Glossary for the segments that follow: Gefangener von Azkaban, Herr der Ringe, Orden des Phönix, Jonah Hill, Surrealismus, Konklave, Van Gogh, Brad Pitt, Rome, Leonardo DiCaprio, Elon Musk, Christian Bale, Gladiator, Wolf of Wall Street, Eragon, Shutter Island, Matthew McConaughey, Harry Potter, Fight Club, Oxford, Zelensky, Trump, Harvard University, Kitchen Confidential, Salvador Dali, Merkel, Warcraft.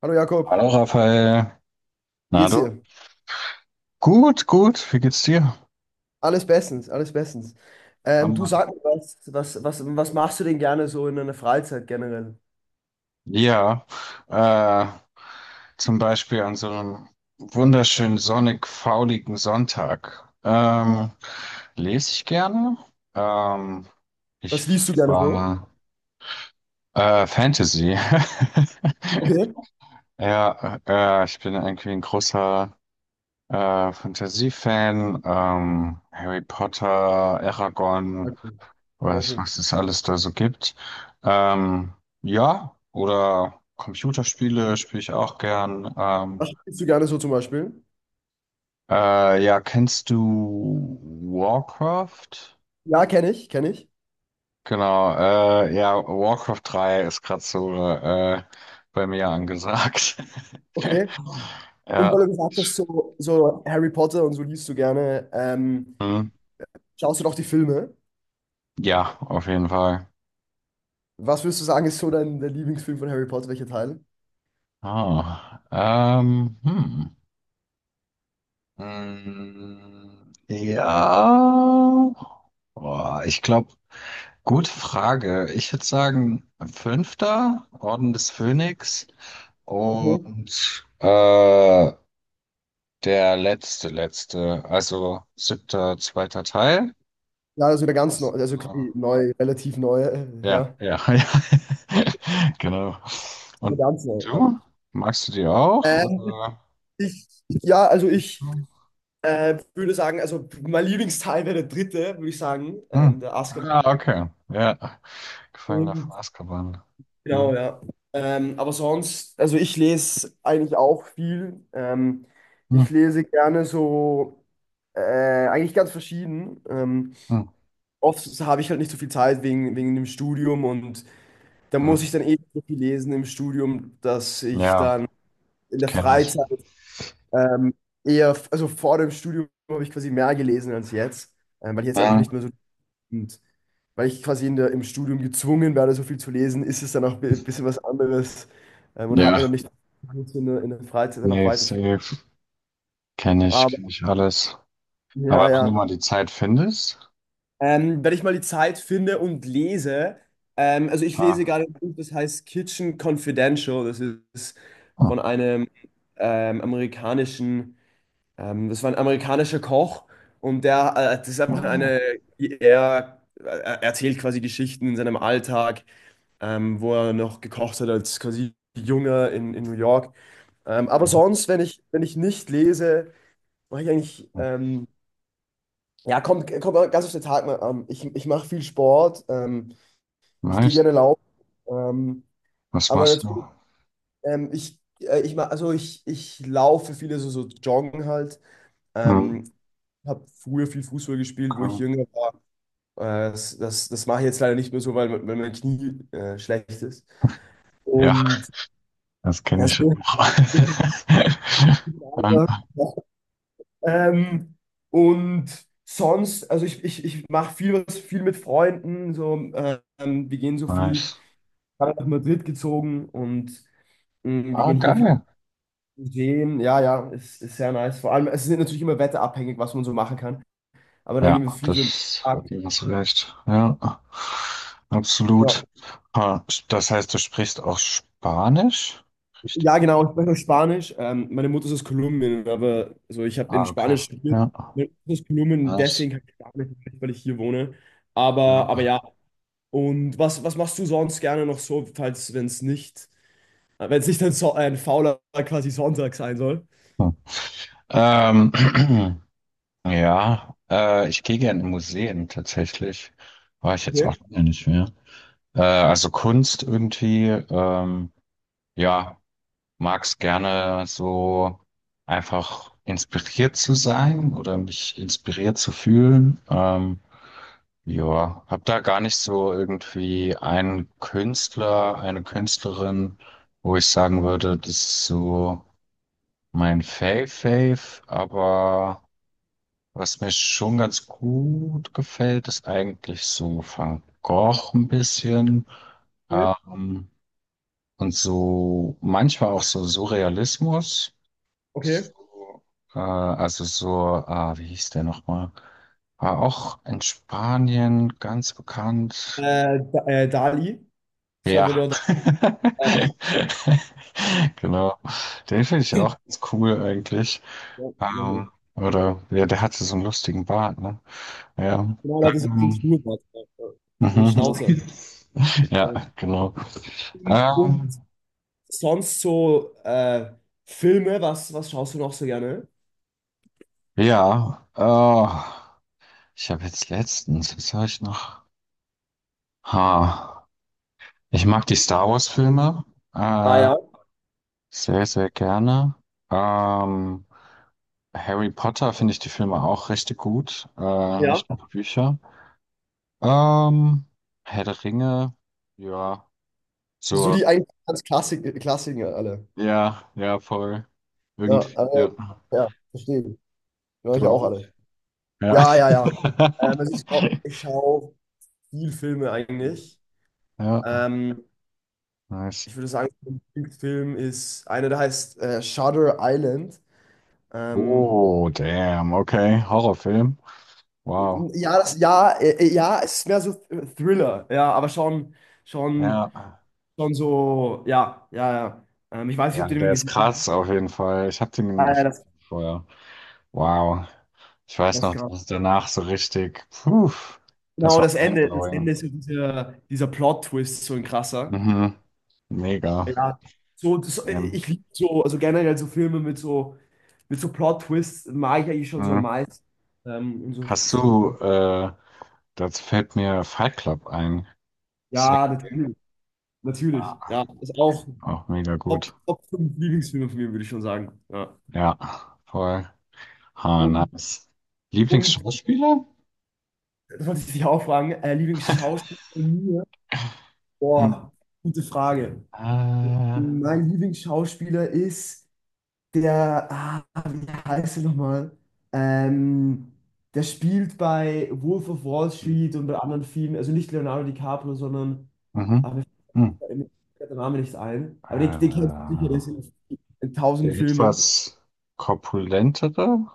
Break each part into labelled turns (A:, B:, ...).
A: Hallo Jakob,
B: Hallo Raphael.
A: wie
B: Na
A: geht's
B: du?
A: dir?
B: Gut, gut. Wie geht's dir?
A: Alles bestens, alles bestens. Du
B: Hammer.
A: sag mir was machst du denn gerne so in deiner Freizeit generell?
B: Ja, äh, zum Beispiel an so einem wunderschönen sonnig fauligen Sonntag. Lese ich gerne. Ähm, Ich
A: Was liest du gerne so?
B: war Fantasy.
A: Okay.
B: Ja, ich bin irgendwie ein großer Fantasy-Fan. Harry Potter, Eragon.
A: Okay, sehr
B: Weiß,
A: cool.
B: was es alles da so gibt. Ähm, ja, oder Computerspiele spiele ich auch gern.
A: Was liest du gerne so zum Beispiel?
B: Ja, kennst du Warcraft?
A: Ja, kenne ich, kenne ich.
B: Genau, ja, Warcraft drei ist gerade so bei mir angesagt.
A: Okay. Und
B: Ja,
A: weil du gesagt hast, so, so Harry Potter und so liest du gerne,
B: hm,
A: schaust du doch die Filme.
B: ja, auf jeden Fall.
A: Was würdest du sagen, ist so dein, dein Lieblingsfilm von Harry Potter? Welcher Teil?
B: Ah, Ja. Boah, gute Frage. Ich würde sagen, fünfter Orden des Phönix
A: Okay.
B: und der letzte, also siebter, zweiter Teil.
A: Ja, also der ganz
B: Das,
A: neue, also
B: äh,
A: quasi neu, relativ neue,
B: ja,
A: ja.
B: ja, ja. Genau.
A: Der
B: Und
A: ganz neue, ja.
B: du? Magst du die auch?
A: Ähm,
B: Oder?
A: ich, würde sagen, also mein Lieblingsteil wäre der dritte, würde ich sagen,
B: Hm.
A: der Asker.
B: Ah, okay. Ja. Gefangener von
A: Und
B: Azkaban.
A: genau,
B: Hm.
A: ja. Aber sonst, also ich lese eigentlich auch viel.
B: Hm.
A: Ich lese gerne so, äh, eigentlich ganz verschieden.
B: Hm.
A: Oft habe ich halt nicht so viel Zeit wegen dem Studium und da muss
B: Hm.
A: ich dann eh so viel lesen im Studium, dass ich
B: Ja,
A: dann in der
B: kenne ich.
A: Freizeit Ähm, eher, also vor dem Studium habe ich quasi mehr gelesen als jetzt, weil ich jetzt einfach
B: Hm.
A: nicht mehr so, und weil ich quasi in im Studium gezwungen werde, so viel zu lesen, ist es dann auch ein bisschen was anderes und hat man dann
B: Ja.
A: nicht in in der Freizeit dann auch
B: Safe,
A: weiter zu.
B: safe. Kenne ich,
A: Aber
B: kenn ich alles.
A: ja,
B: Aber wenn du
A: ja.
B: mal die Zeit findest,
A: Wenn ich mal die Zeit finde und lese, also ich lese
B: ah,
A: gerade ein Buch, das heißt Kitchen Confidential, das ist von
B: oh,
A: einem amerikanischen. Das war ein amerikanischer Koch und das ist einfach
B: oh,
A: eine, er erzählt quasi Geschichten in seinem Alltag, wo er noch gekocht hat als quasi Junger in New York. Aber
B: oh,
A: sonst, wenn ich nicht lese, mache ich eigentlich,
B: oh,
A: ja, kommt ganz auf den Tag mal an. Ich mache viel Sport, ich gehe
B: nice.
A: gerne laufen, ähm,
B: Was
A: aber
B: machst du?
A: natürlich, ich, ich, ma- also ich laufe viele so, so joggen halt.
B: Hm,
A: Ähm, habe früher viel Fußball gespielt, wo ich
B: okay.
A: jünger war. Äh, das mache ich jetzt leider nicht mehr so, weil, weil mein Knie schlecht ist.
B: Ja,
A: Und
B: das kenne
A: das
B: ich noch. Ähm,
A: ähm, und sonst, also ich mache viel was viel mit Freunden. So, wir gehen so viel,
B: nice.
A: gerade nach Madrid gezogen und mh, wir
B: Ah,
A: gehen hier viel
B: geil.
A: sehen. Ja, ja, ist sehr nice. Vor allem, es ist natürlich immer wetterabhängig, was man so machen kann. Aber dann gehen wir
B: Ja,
A: viel so in den
B: das,
A: Park.
B: du hast recht. Ja,
A: Ja.
B: absolut. Ah, das heißt, du sprichst auch Spanisch? Richtig.
A: Ja, genau, ich spreche auch Spanisch. Meine Mutter ist aus Kolumbien, aber also ich habe
B: Ah,
A: in
B: okay.
A: Spanisch studiert.
B: Ja,
A: Meine Mutter ist aus Kolumbien,
B: nice.
A: deswegen kann ich Spanisch, nicht, weil ich hier wohne.
B: Ja.
A: Aber ja, und was machst du sonst gerne noch so, falls, wenn es nicht, wenn es nicht ein, so ein fauler quasi Sonntag sein soll?
B: Hm. Ähm, Ja, ich gehe gerne in Museen tatsächlich. War ich jetzt
A: Okay,
B: auch lange nicht mehr. Also Kunst irgendwie, ja, mag's gerne so einfach inspiriert zu sein oder mich inspiriert zu fühlen. Ja, hab da gar nicht so irgendwie einen Künstler, eine Künstlerin, wo ich sagen würde, das ist so mein Fave-Fave, aber was mir schon ganz gut gefällt, ist eigentlich so Van Gogh ein bisschen.
A: okay,
B: Ähm, und so manchmal auch so Surrealismus.
A: okay.
B: So, also so, ah, wie hieß der nochmal? War auch in Spanien ganz bekannt.
A: Dali,
B: Ja.
A: Salvador Dali. Äh,
B: Genau. Den finde ich
A: ja,
B: auch ganz cool eigentlich.
A: ja, ja.
B: Oder ja, der hatte so einen lustigen Bart, ne? Ja.
A: Genau, das ist ein
B: Ähm,
A: Schnurrbart, so ein
B: Mhm.
A: Schnauzer.
B: Ja, genau.
A: Äh,
B: Ähm,
A: Sonst so Filme, was schaust du noch so gerne?
B: ja, ich habe jetzt letztens, was habe ich noch? Ha, ich mag die Star Wars-Filme
A: Ah
B: äh,
A: ja,
B: sehr, sehr gerne. Ähm, Harry Potter finde ich die Filme auch richtig gut,
A: ja.
B: nicht die Bücher. Ähm, Herr der Ringe, ja,
A: So
B: so,
A: die eigentlich ganz Klassik Klassiker alle.
B: ja, ja, voll.
A: Ja,
B: Irgendwie,
A: aber,
B: ja.
A: ja, verstehe. Höre
B: Du
A: ich auch
B: auch?
A: alle.
B: Ja.
A: Ja, ja, ja. Ähm, also ich schaue ich schau viel Filme eigentlich.
B: Ja,
A: Ähm,
B: nice.
A: ich würde sagen, mein Lieblingsfilm ist einer, der heißt Shutter Island. Ähm,
B: Oh, damn, okay. Horrorfilm. Wow.
A: ja, ja, es ist mehr so Thriller, ja, aber schon, schon.
B: Ja.
A: Schon so, ja, ja, ja. Ich weiß nicht, ob
B: Ja,
A: du den
B: der ist
A: gesehen hast.
B: krass auf jeden Fall. Ich hab den,
A: Ah, ja,
B: ich,
A: das,
B: vorher. Wow. Ich weiß
A: das ist
B: noch,
A: krass.
B: dass danach so richtig. Puh, das
A: Genau,
B: war
A: das
B: mindblowing.
A: Ende ist so dieser, dieser Plot-Twist, so ein krasser.
B: Mhm. Mega.
A: Ja, so, das,
B: Damn.
A: ich liebe so, also generell so Filme mit so Plot-Twists mag ich eigentlich schon so am
B: Mhm.
A: meisten. Ähm, und so,
B: Hast
A: so,
B: du, das fällt mir Fight Club ein. Hast du den
A: ja,
B: gesehen?
A: natürlich, natürlich.
B: Ja,
A: Ja, ist auch
B: auch mega
A: Top,
B: gut.
A: Top 5 Lieblingsfilme von mir, würde ich schon sagen. Ja.
B: Ja, voll. Ha,
A: Und,
B: nice.
A: und
B: Lieblingsschauspieler?
A: das wollte ich dich auch fragen, Lieblingsschauspieler von mir?
B: Hm.
A: Boah, gute Frage.
B: Äh,
A: Mein Lieblingsschauspieler ist der, ah, wie heißt er nochmal? Ähm, der spielt bei Wolf of Wall Street und bei anderen Filmen, also nicht Leonardo DiCaprio, sondern,
B: Mhm.
A: aber mir
B: Hm.
A: fällt da der Name nicht ein. Aber den, den kennst du
B: Äh,
A: sicher, der ist in
B: der
A: tausend Filmen.
B: etwas korpulentere?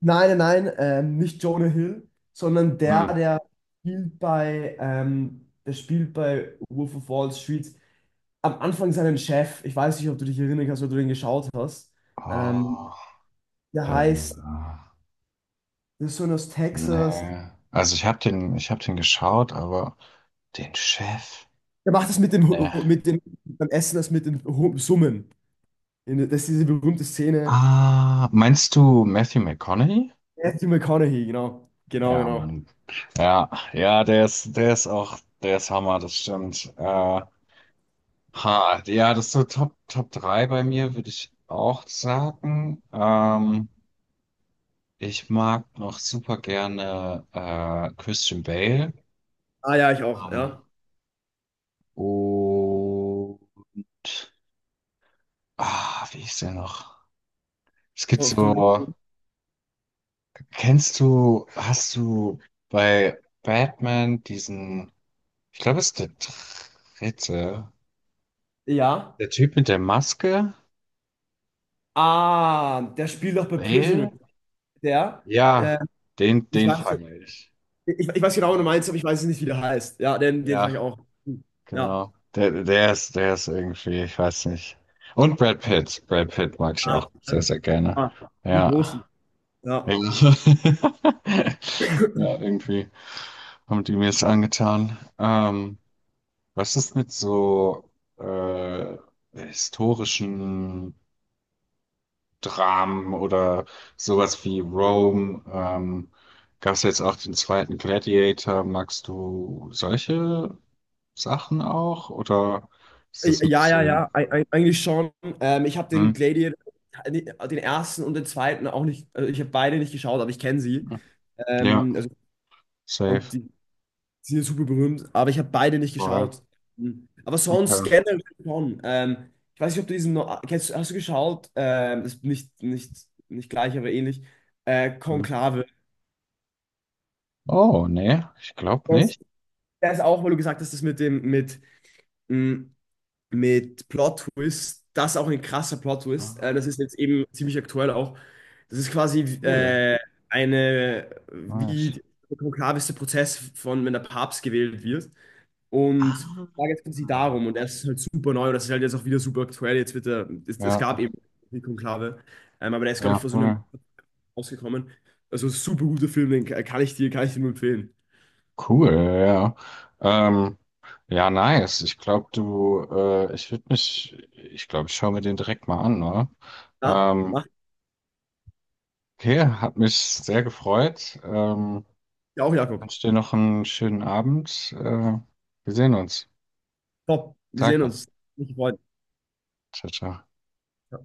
A: Nein, nein, nein, nicht Jonah Hill, sondern der,
B: Hm.
A: der spielt bei, der spielt bei Wolf of Wall Street am Anfang seinen Chef, ich weiß nicht, ob du dich erinnern kannst, ob du den geschaut hast.
B: Oh,
A: Ähm, der
B: äh,
A: heißt, der ist so aus Texas.
B: nee. Ich habe den geschaut, aber den Chef?
A: Der macht das mit dem,
B: Nee.
A: Mit dem, beim Essen, das mit den Summen. Das ist diese berühmte Szene.
B: Ah, meinst du Matthew McConaughey?
A: Matthew McConaughey, genau. Genau,
B: Ja,
A: genau.
B: Mann. Ja, ja, der ist auch, der ist Hammer, das stimmt. Ha, ja, das ist so Top, Top 3 bei mir, würde ich auch sagen. Ich mag noch super gerne Christian Bale.
A: Ah ja, ich auch,
B: Ähm,
A: ja.
B: und ah, wie ist der noch? Es gibt
A: Von.
B: so, kennst du, hast du bei Batman diesen, ich glaube, es ist der dritte,
A: Ja.
B: der Typ mit der Maske,
A: Ah, der spielt doch bei Prisoner.
B: Bale?
A: Der,
B: Ja,
A: äh,
B: den,
A: ich
B: den
A: weiß, so-
B: fand ich.
A: ich weiß
B: Den
A: genau,
B: mag
A: was du
B: ich.
A: meinst, aber ich weiß nicht, wie der heißt. Ja, den, den fand ich
B: Ja,
A: auch. Ja.
B: genau. Der ist irgendwie, ich weiß nicht. Und Brad Pitt. Brad Pitt mag ich
A: Ah,
B: auch sehr, sehr gerne.
A: ah, die Großen.
B: Ja.
A: Ja.
B: Ja, ja, irgendwie haben die mir es angetan. Was ist mit so äh, historischen Dramen oder sowas wie Rome? Gab es jetzt auch den zweiten Gladiator? Magst du solche Sachen auch? Oder ist das nicht
A: Ja, ja,
B: so?
A: ja, eigentlich schon. Ich habe
B: Hm?
A: den Gladiator, den ersten und den zweiten auch nicht, also ich habe beide nicht geschaut, aber ich kenne sie.
B: Ja,
A: Ähm, also, und
B: safe.
A: die, sie sind super berühmt, aber ich habe beide nicht
B: Voll.
A: geschaut. Mhm. Aber sonst
B: Okay.
A: generell schon. Ich weiß nicht, ob du diesen, kennst, hast du geschaut? Ist nicht, nicht, nicht gleich, aber ähnlich.
B: Hm.
A: Konklave.
B: Oh, nee, ich glaube
A: Das,
B: nicht.
A: das auch, weil du gesagt hast, das mit mit, mh, mit Plot-Twist. Das ist auch ein krasser Plot-Twist.
B: Ah,
A: Das ist jetzt eben ziemlich aktuell auch. Das ist quasi
B: cool.
A: eine, wie
B: Nice.
A: der konklaveste Prozess von, wenn der Papst gewählt wird. Und
B: Ah,
A: da geht es darum. Und das ist halt super neu. Und das ist halt jetzt auch wieder super aktuell. Jetzt wird der, es
B: ja,
A: gab eben die Konklave. Aber der ist, glaube
B: ja,
A: ich, vor so einem
B: voll.
A: rausgekommen. Also super guter Film, den kann ich dir nur empfehlen.
B: Cool, ja. Ja. Ja, nice. Ich würde mich, ich glaube, ich schaue mir den direkt mal an, ne?
A: Ja,
B: Ähm,
A: mach
B: okay, hat mich sehr gefreut.
A: ja auch, Jakob.
B: Wünsche dir noch einen schönen Abend. Wir sehen uns.
A: Top. Wir sehen
B: Danke.
A: uns. Mich gefreut.
B: Ciao, ciao.